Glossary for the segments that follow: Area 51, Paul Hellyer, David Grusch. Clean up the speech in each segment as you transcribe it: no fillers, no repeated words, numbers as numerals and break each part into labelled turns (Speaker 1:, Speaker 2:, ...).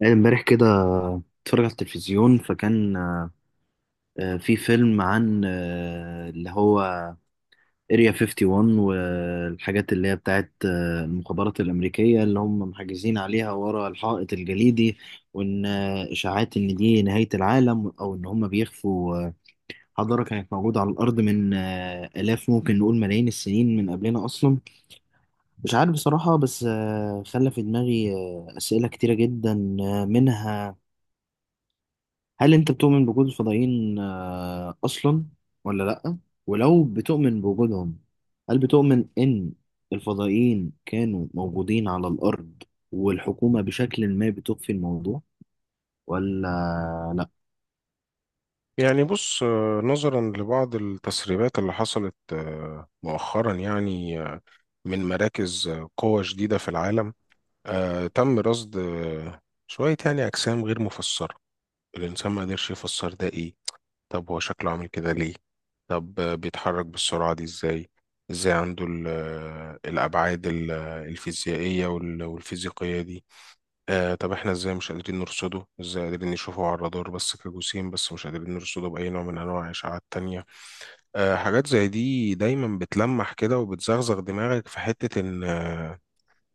Speaker 1: يعني امبارح كده اتفرج على التلفزيون فكان في فيلم عن اللي هو اريا 51 والحاجات اللي هي بتاعت المخابرات الأمريكية اللي هم محجزين عليها ورا الحائط الجليدي. وإن إشاعات إن دي نهاية العالم أو إن هم بيخفوا حضارة كانت موجودة على الأرض من آلاف، ممكن نقول ملايين السنين من قبلنا أصلا. مش عارف بصراحة، بس خلى في دماغي أسئلة كتيرة جدا، منها: هل انت بتؤمن بوجود الفضائيين اصلا ولا لا؟ ولو بتؤمن بوجودهم، هل بتؤمن ان الفضائيين كانوا موجودين على الارض والحكومة بشكل ما بتخفي الموضوع ولا لا؟
Speaker 2: يعني بص، نظرا لبعض التسريبات اللي حصلت مؤخرا يعني، من مراكز قوة جديدة في العالم. تم رصد شوية يعني أجسام غير مفسرة. الإنسان ما قدرش يفسر ده، إيه؟ طب هو شكله عامل كده ليه؟ طب بيتحرك بالسرعة دي إزاي؟ إزاي عنده الأبعاد الفيزيائية والفيزيقية دي؟ طب احنا ازاي مش قادرين نرصده؟ ازاي قادرين نشوفه على الرادار بس كجسيم، بس مش قادرين نرصده بأي نوع من انواع الاشعاعات التانية؟ حاجات زي دي دايما بتلمح كده وبتزغزغ دماغك في حتة ان،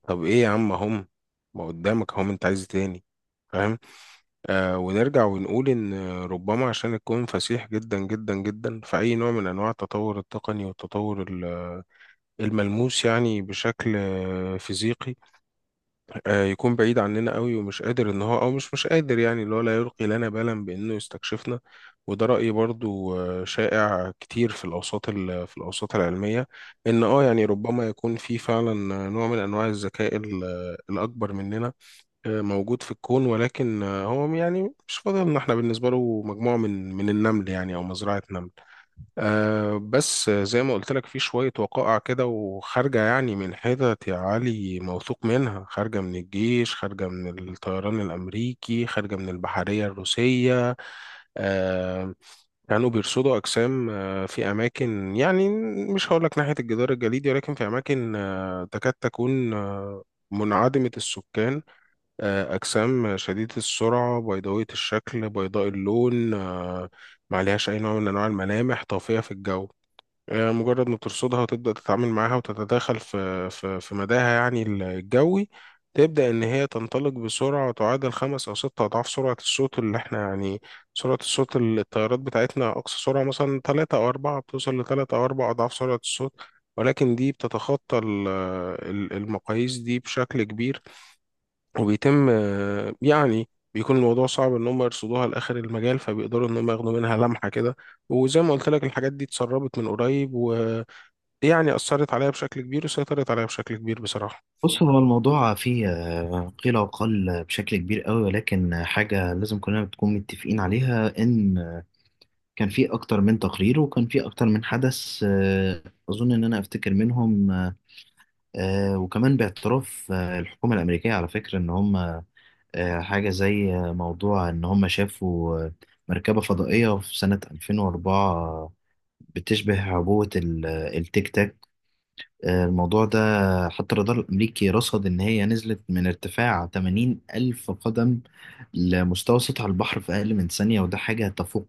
Speaker 2: طب ايه يا عم؟ هم ما قدامك، هم انت عايز إيه تاني؟ فاهم؟ ونرجع ونقول ان ربما عشان الكون فسيح جدا جدا جدا، فأي نوع من انواع التطور التقني والتطور الملموس، يعني بشكل فيزيقي، يكون بعيد عننا قوي، ومش قادر ان هو، او مش قادر، يعني اللي هو لا يلقي لنا بالا بانه يستكشفنا. وده رأي برضو شائع كتير في الاوساط العلمية، ان يعني ربما يكون في فعلا نوع من انواع الذكاء الاكبر مننا، موجود في الكون، ولكن هو يعني مش فاضل ان احنا بالنسبة له مجموعة من النمل، يعني او مزرعة نمل. بس زي ما قلت لك، في شوية وقائع كده، وخارجة يعني من حتت يا علي موثوق منها، خارجة من الجيش، خارجة من الطيران الأمريكي، خارجة من البحرية الروسية. أه كانوا بيرصدوا أجسام في أماكن، يعني مش هقول لك ناحية الجدار الجليدي، ولكن في أماكن تكاد تكون منعدمة السكان. أجسام شديدة السرعة، بيضاوية الشكل، بيضاء اللون، ما عليهاش أي نوع من أنواع الملامح، طافية في الجو. مجرد ما ترصدها وتبدأ تتعامل معاها وتتداخل في مداها، يعني الجوي، تبدأ إن هي تنطلق بسرعة تعادل 5 أو 6 أضعاف سرعة الصوت، اللي إحنا يعني، سرعة الصوت، الطيارات بتاعتنا أقصى سرعة، مثلا تلاتة أو أربعة بتوصل ل3 أو 4 أضعاف سرعة الصوت. ولكن دي بتتخطى المقاييس دي بشكل كبير. وبيتم، يعني، بيكون الموضوع صعب إن هم يرصدوها لآخر المجال، فبيقدروا إن هم ياخدوا منها لمحة كده. وزي ما قلت لك، الحاجات دي اتسربت من قريب، يعني أثرت عليا بشكل كبير وسيطرت عليا بشكل كبير بصراحة.
Speaker 1: بص، هو الموضوع فيه قيل وقال بشكل كبير قوي، ولكن حاجة لازم كلنا بتكون متفقين عليها: ان كان في اكتر من تقرير وكان في اكتر من حدث اظن ان انا افتكر منهم، وكمان باعتراف الحكومة الأمريكية على فكرة، إن هم حاجة زي موضوع إن هم شافوا مركبة فضائية في سنة 2004 بتشبه عبوة التيك تاك. الموضوع ده حتى الرادار الأمريكي رصد إن هي نزلت من ارتفاع 80 ألف قدم لمستوى سطح البحر في أقل من ثانية، وده حاجة تفوق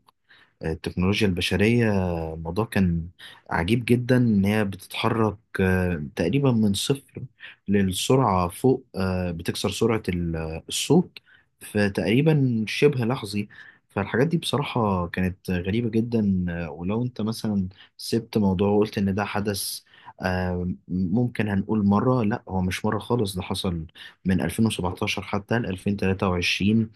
Speaker 1: التكنولوجيا البشرية. الموضوع كان عجيب جدا، إن هي بتتحرك تقريبا من صفر للسرعة فوق، بتكسر سرعة الصوت. فتقريبا شبه لحظي. فالحاجات دي بصراحة كانت غريبة جدا. ولو أنت مثلا سبت موضوع وقلت إن ده حدث ممكن هنقول مرة، لا هو مش مرة خالص، ده حصل من 2017 حتى ل 2023.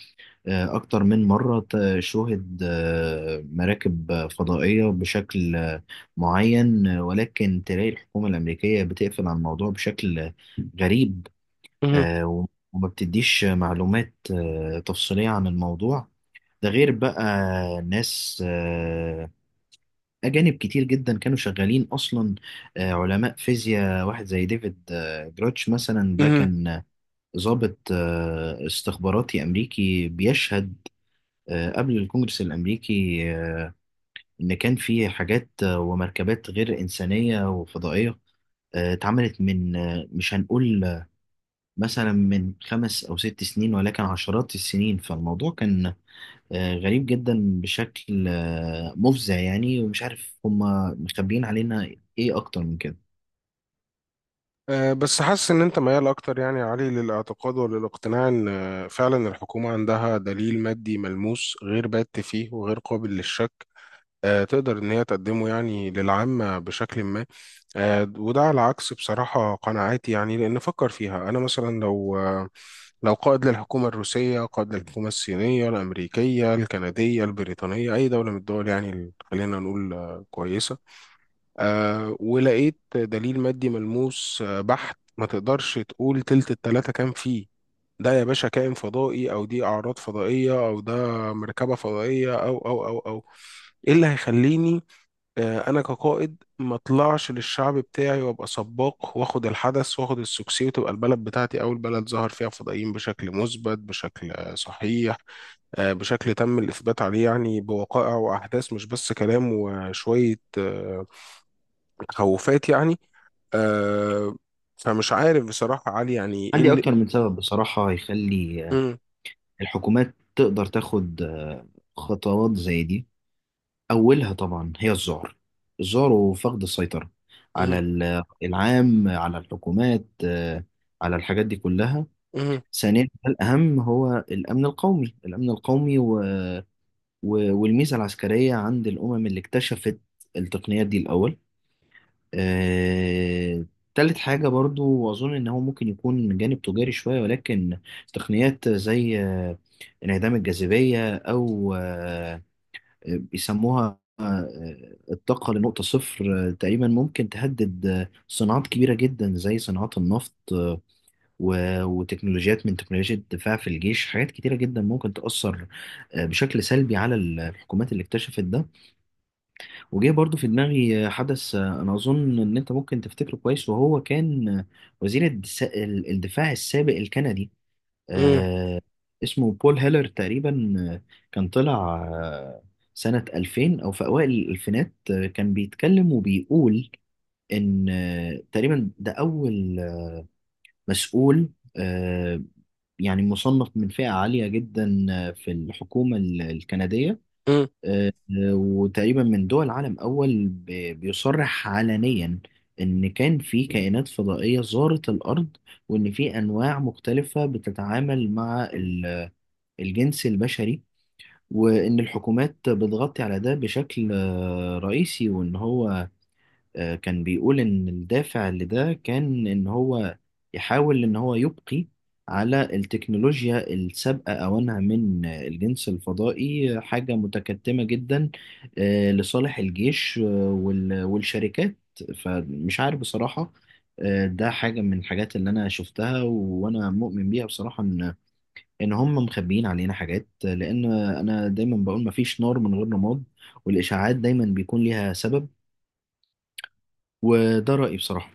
Speaker 1: أكتر من مرة شوهد مراكب فضائية بشكل معين، ولكن تلاقي الحكومة الأمريكية بتقفل على الموضوع بشكل غريب.
Speaker 2: مهم.
Speaker 1: آه، و- وما بتديش معلومات تفصيلية عن الموضوع ده، غير بقى ناس أجانب كتير جدا كانوا شغالين أصلا. علماء فيزياء، واحد زي ديفيد جراتش مثلا، ده
Speaker 2: مهم.
Speaker 1: كان ضابط استخباراتي أمريكي، بيشهد قبل الكونجرس الأمريكي إن كان في حاجات ومركبات غير إنسانية وفضائية اتعملت من مش هنقول مثلا من 5 أو 6 سنين، ولكن عشرات السنين. فالموضوع كان غريب جدا بشكل مفزع يعني، ومش عارف هما مخبيين علينا إيه أكتر من كده.
Speaker 2: بس حاسس إن أنت ميال أكتر يعني يا علي للاعتقاد وللاقتناع إن فعلا الحكومة عندها دليل مادي ملموس غير بات فيه وغير قابل للشك، تقدر إن هي تقدمه يعني للعامة بشكل ما. وده على عكس بصراحة قناعاتي، يعني لأن فكر فيها، أنا مثلا لو قائد للحكومة الروسية، قائد للحكومة الصينية، الأمريكية، الكندية، البريطانية، أي دولة من الدول يعني، خلينا نقول كويسة، ولقيت دليل مادي ملموس بحت، ما تقدرش تقول تلت التلاتة، كان فيه ده يا باشا كائن فضائي، أو دي أعراض فضائية، أو ده مركبة فضائية. أو أو أو أو إيه اللي هيخليني، انا كقائد، ما اطلعش للشعب بتاعي وابقى سباق، واخد الحدث، واخد السكسي، وتبقى البلد بتاعتي اول بلد ظهر فيها فضائيين بشكل مثبت، بشكل صحيح، بشكل تم الاثبات عليه يعني بوقائع واحداث، مش بس كلام وشويه تخوفات يعني. آه، فمش عارف بصراحه علي، يعني ايه
Speaker 1: عندي
Speaker 2: اللي.
Speaker 1: أكتر من سبب بصراحة يخلي
Speaker 2: مم،
Speaker 1: الحكومات تقدر تاخد خطوات زي دي. أولها طبعا هي الذعر، الذعر وفقد السيطرة على
Speaker 2: مم،
Speaker 1: العام، على الحكومات على الحاجات دي كلها.
Speaker 2: مم،
Speaker 1: ثانيا الأهم هو الأمن القومي، الأمن القومي والميزة العسكرية عند الأمم اللي اكتشفت التقنيات دي الأول. آه... تالت حاجة برضو، وأظن إن هو ممكن يكون من جانب تجاري شوية، ولكن تقنيات زي انعدام الجاذبية، أو بيسموها الطاقة لنقطة صفر تقريبا، ممكن تهدد صناعات كبيرة جدا زي صناعات النفط وتكنولوجيات من تكنولوجيا الدفاع في الجيش. حاجات كتيرة جدا ممكن تأثر بشكل سلبي على الحكومات اللي اكتشفت ده. وجه برضو في دماغي حدث، أنا أظن إن أنت ممكن تفتكره كويس، وهو كان وزير الدفاع السابق الكندي،
Speaker 2: مم،
Speaker 1: آه اسمه بول هيلر تقريبا. كان طلع آه، سنة 2000 أو في أوائل الألفينات، كان بيتكلم وبيقول إن تقريبا ده أول مسؤول آه، يعني مصنف من فئة عالية جدا في الحكومة الكندية،
Speaker 2: مم.
Speaker 1: وتقريبا من دول عالم أول بيصرح علنيا إن كان في كائنات فضائية زارت الأرض، وإن في أنواع مختلفة بتتعامل مع الجنس البشري، وإن الحكومات بتغطي على ده بشكل رئيسي. وإن هو كان بيقول إن الدافع لده كان إن هو يحاول إن هو يبقي على التكنولوجيا السابقة أوانها من الجنس الفضائي حاجة متكتمة جدا، لصالح الجيش والشركات. فمش عارف بصراحة، ده حاجة من الحاجات اللي أنا شفتها وأنا مؤمن بيها بصراحة، ان هم مخبيين علينا حاجات، لان انا دايما بقول: مفيش نار من غير رماد، والاشاعات دايما بيكون ليها سبب. وده رايي بصراحه.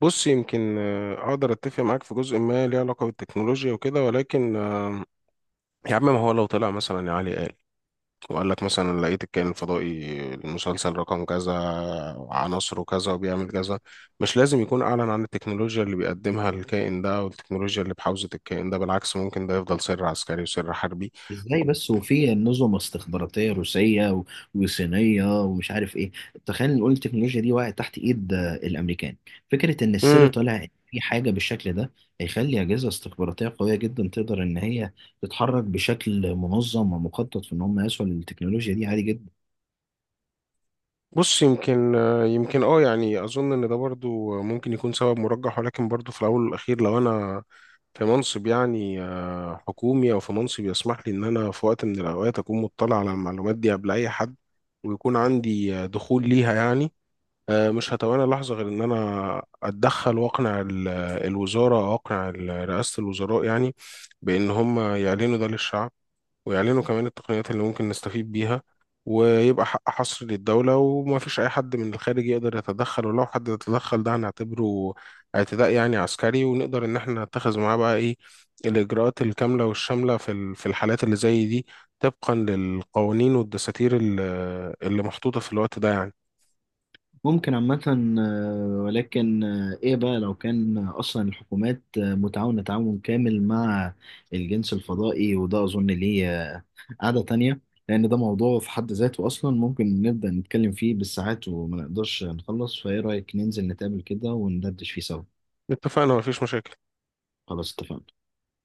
Speaker 2: بص، يمكن اقدر اتفق معاك في جزء ما ليه علاقه بالتكنولوجيا وكده، ولكن، يا عم، ما هو لو طلع مثلا يا علي، قال وقال لك مثلا لقيت الكائن الفضائي المسلسل رقم كذا، عناصره كذا، وبيعمل كذا. مش لازم يكون أعلن عن التكنولوجيا اللي بيقدمها الكائن ده والتكنولوجيا اللي بحوزة الكائن ده. بالعكس، ممكن ده يفضل سر عسكري وسر حربي.
Speaker 1: ازاي بس، وفي نظم استخباراتيه روسيه وصينيه ومش عارف ايه؟ تخيل نقول التكنولوجيا دي وقعت تحت ايد الامريكان، فكره ان السر طالع إن في حاجه بالشكل ده هيخلي اجهزه استخباراتيه قويه جدا تقدر ان هي تتحرك بشكل منظم ومخطط في ان هم يسوا للتكنولوجيا دي عادي جدا.
Speaker 2: بص، يمكن يعني اظن ان ده برضو ممكن يكون سبب مرجح، ولكن برضو في الاول والاخير، لو انا في منصب يعني حكومي، او في منصب يسمح لي ان انا في وقت من الاوقات اكون مطلع على المعلومات دي قبل اي حد، ويكون عندي دخول ليها يعني، مش هتوانى لحظة غير ان انا اتدخل واقنع الوزارة، او اقنع رئاسة الوزراء يعني، بان هم يعلنوا ده للشعب، ويعلنوا كمان التقنيات اللي ممكن نستفيد بيها، ويبقى حق حصر للدولة، وما فيش أي حد من الخارج يقدر يتدخل، ولو حد تدخل ده هنعتبره اعتداء يعني عسكري، ونقدر إن احنا نتخذ معاه بقى إيه الإجراءات الكاملة والشاملة في الحالات اللي زي دي، طبقا للقوانين والدساتير اللي محطوطة في الوقت ده يعني.
Speaker 1: ممكن عامة، ولكن إيه بقى لو كان أصلا الحكومات متعاونة تعاون كامل مع الجنس الفضائي؟ وده أظن ليه قعدة تانية، لأن ده موضوع في حد ذاته أصلا ممكن نبدأ نتكلم فيه بالساعات وما نقدرش نخلص. فإيه رأيك ننزل نتقابل كده وندردش فيه سوا؟
Speaker 2: اتفقنا، مفيش مشاكل.
Speaker 1: خلاص، اتفقنا.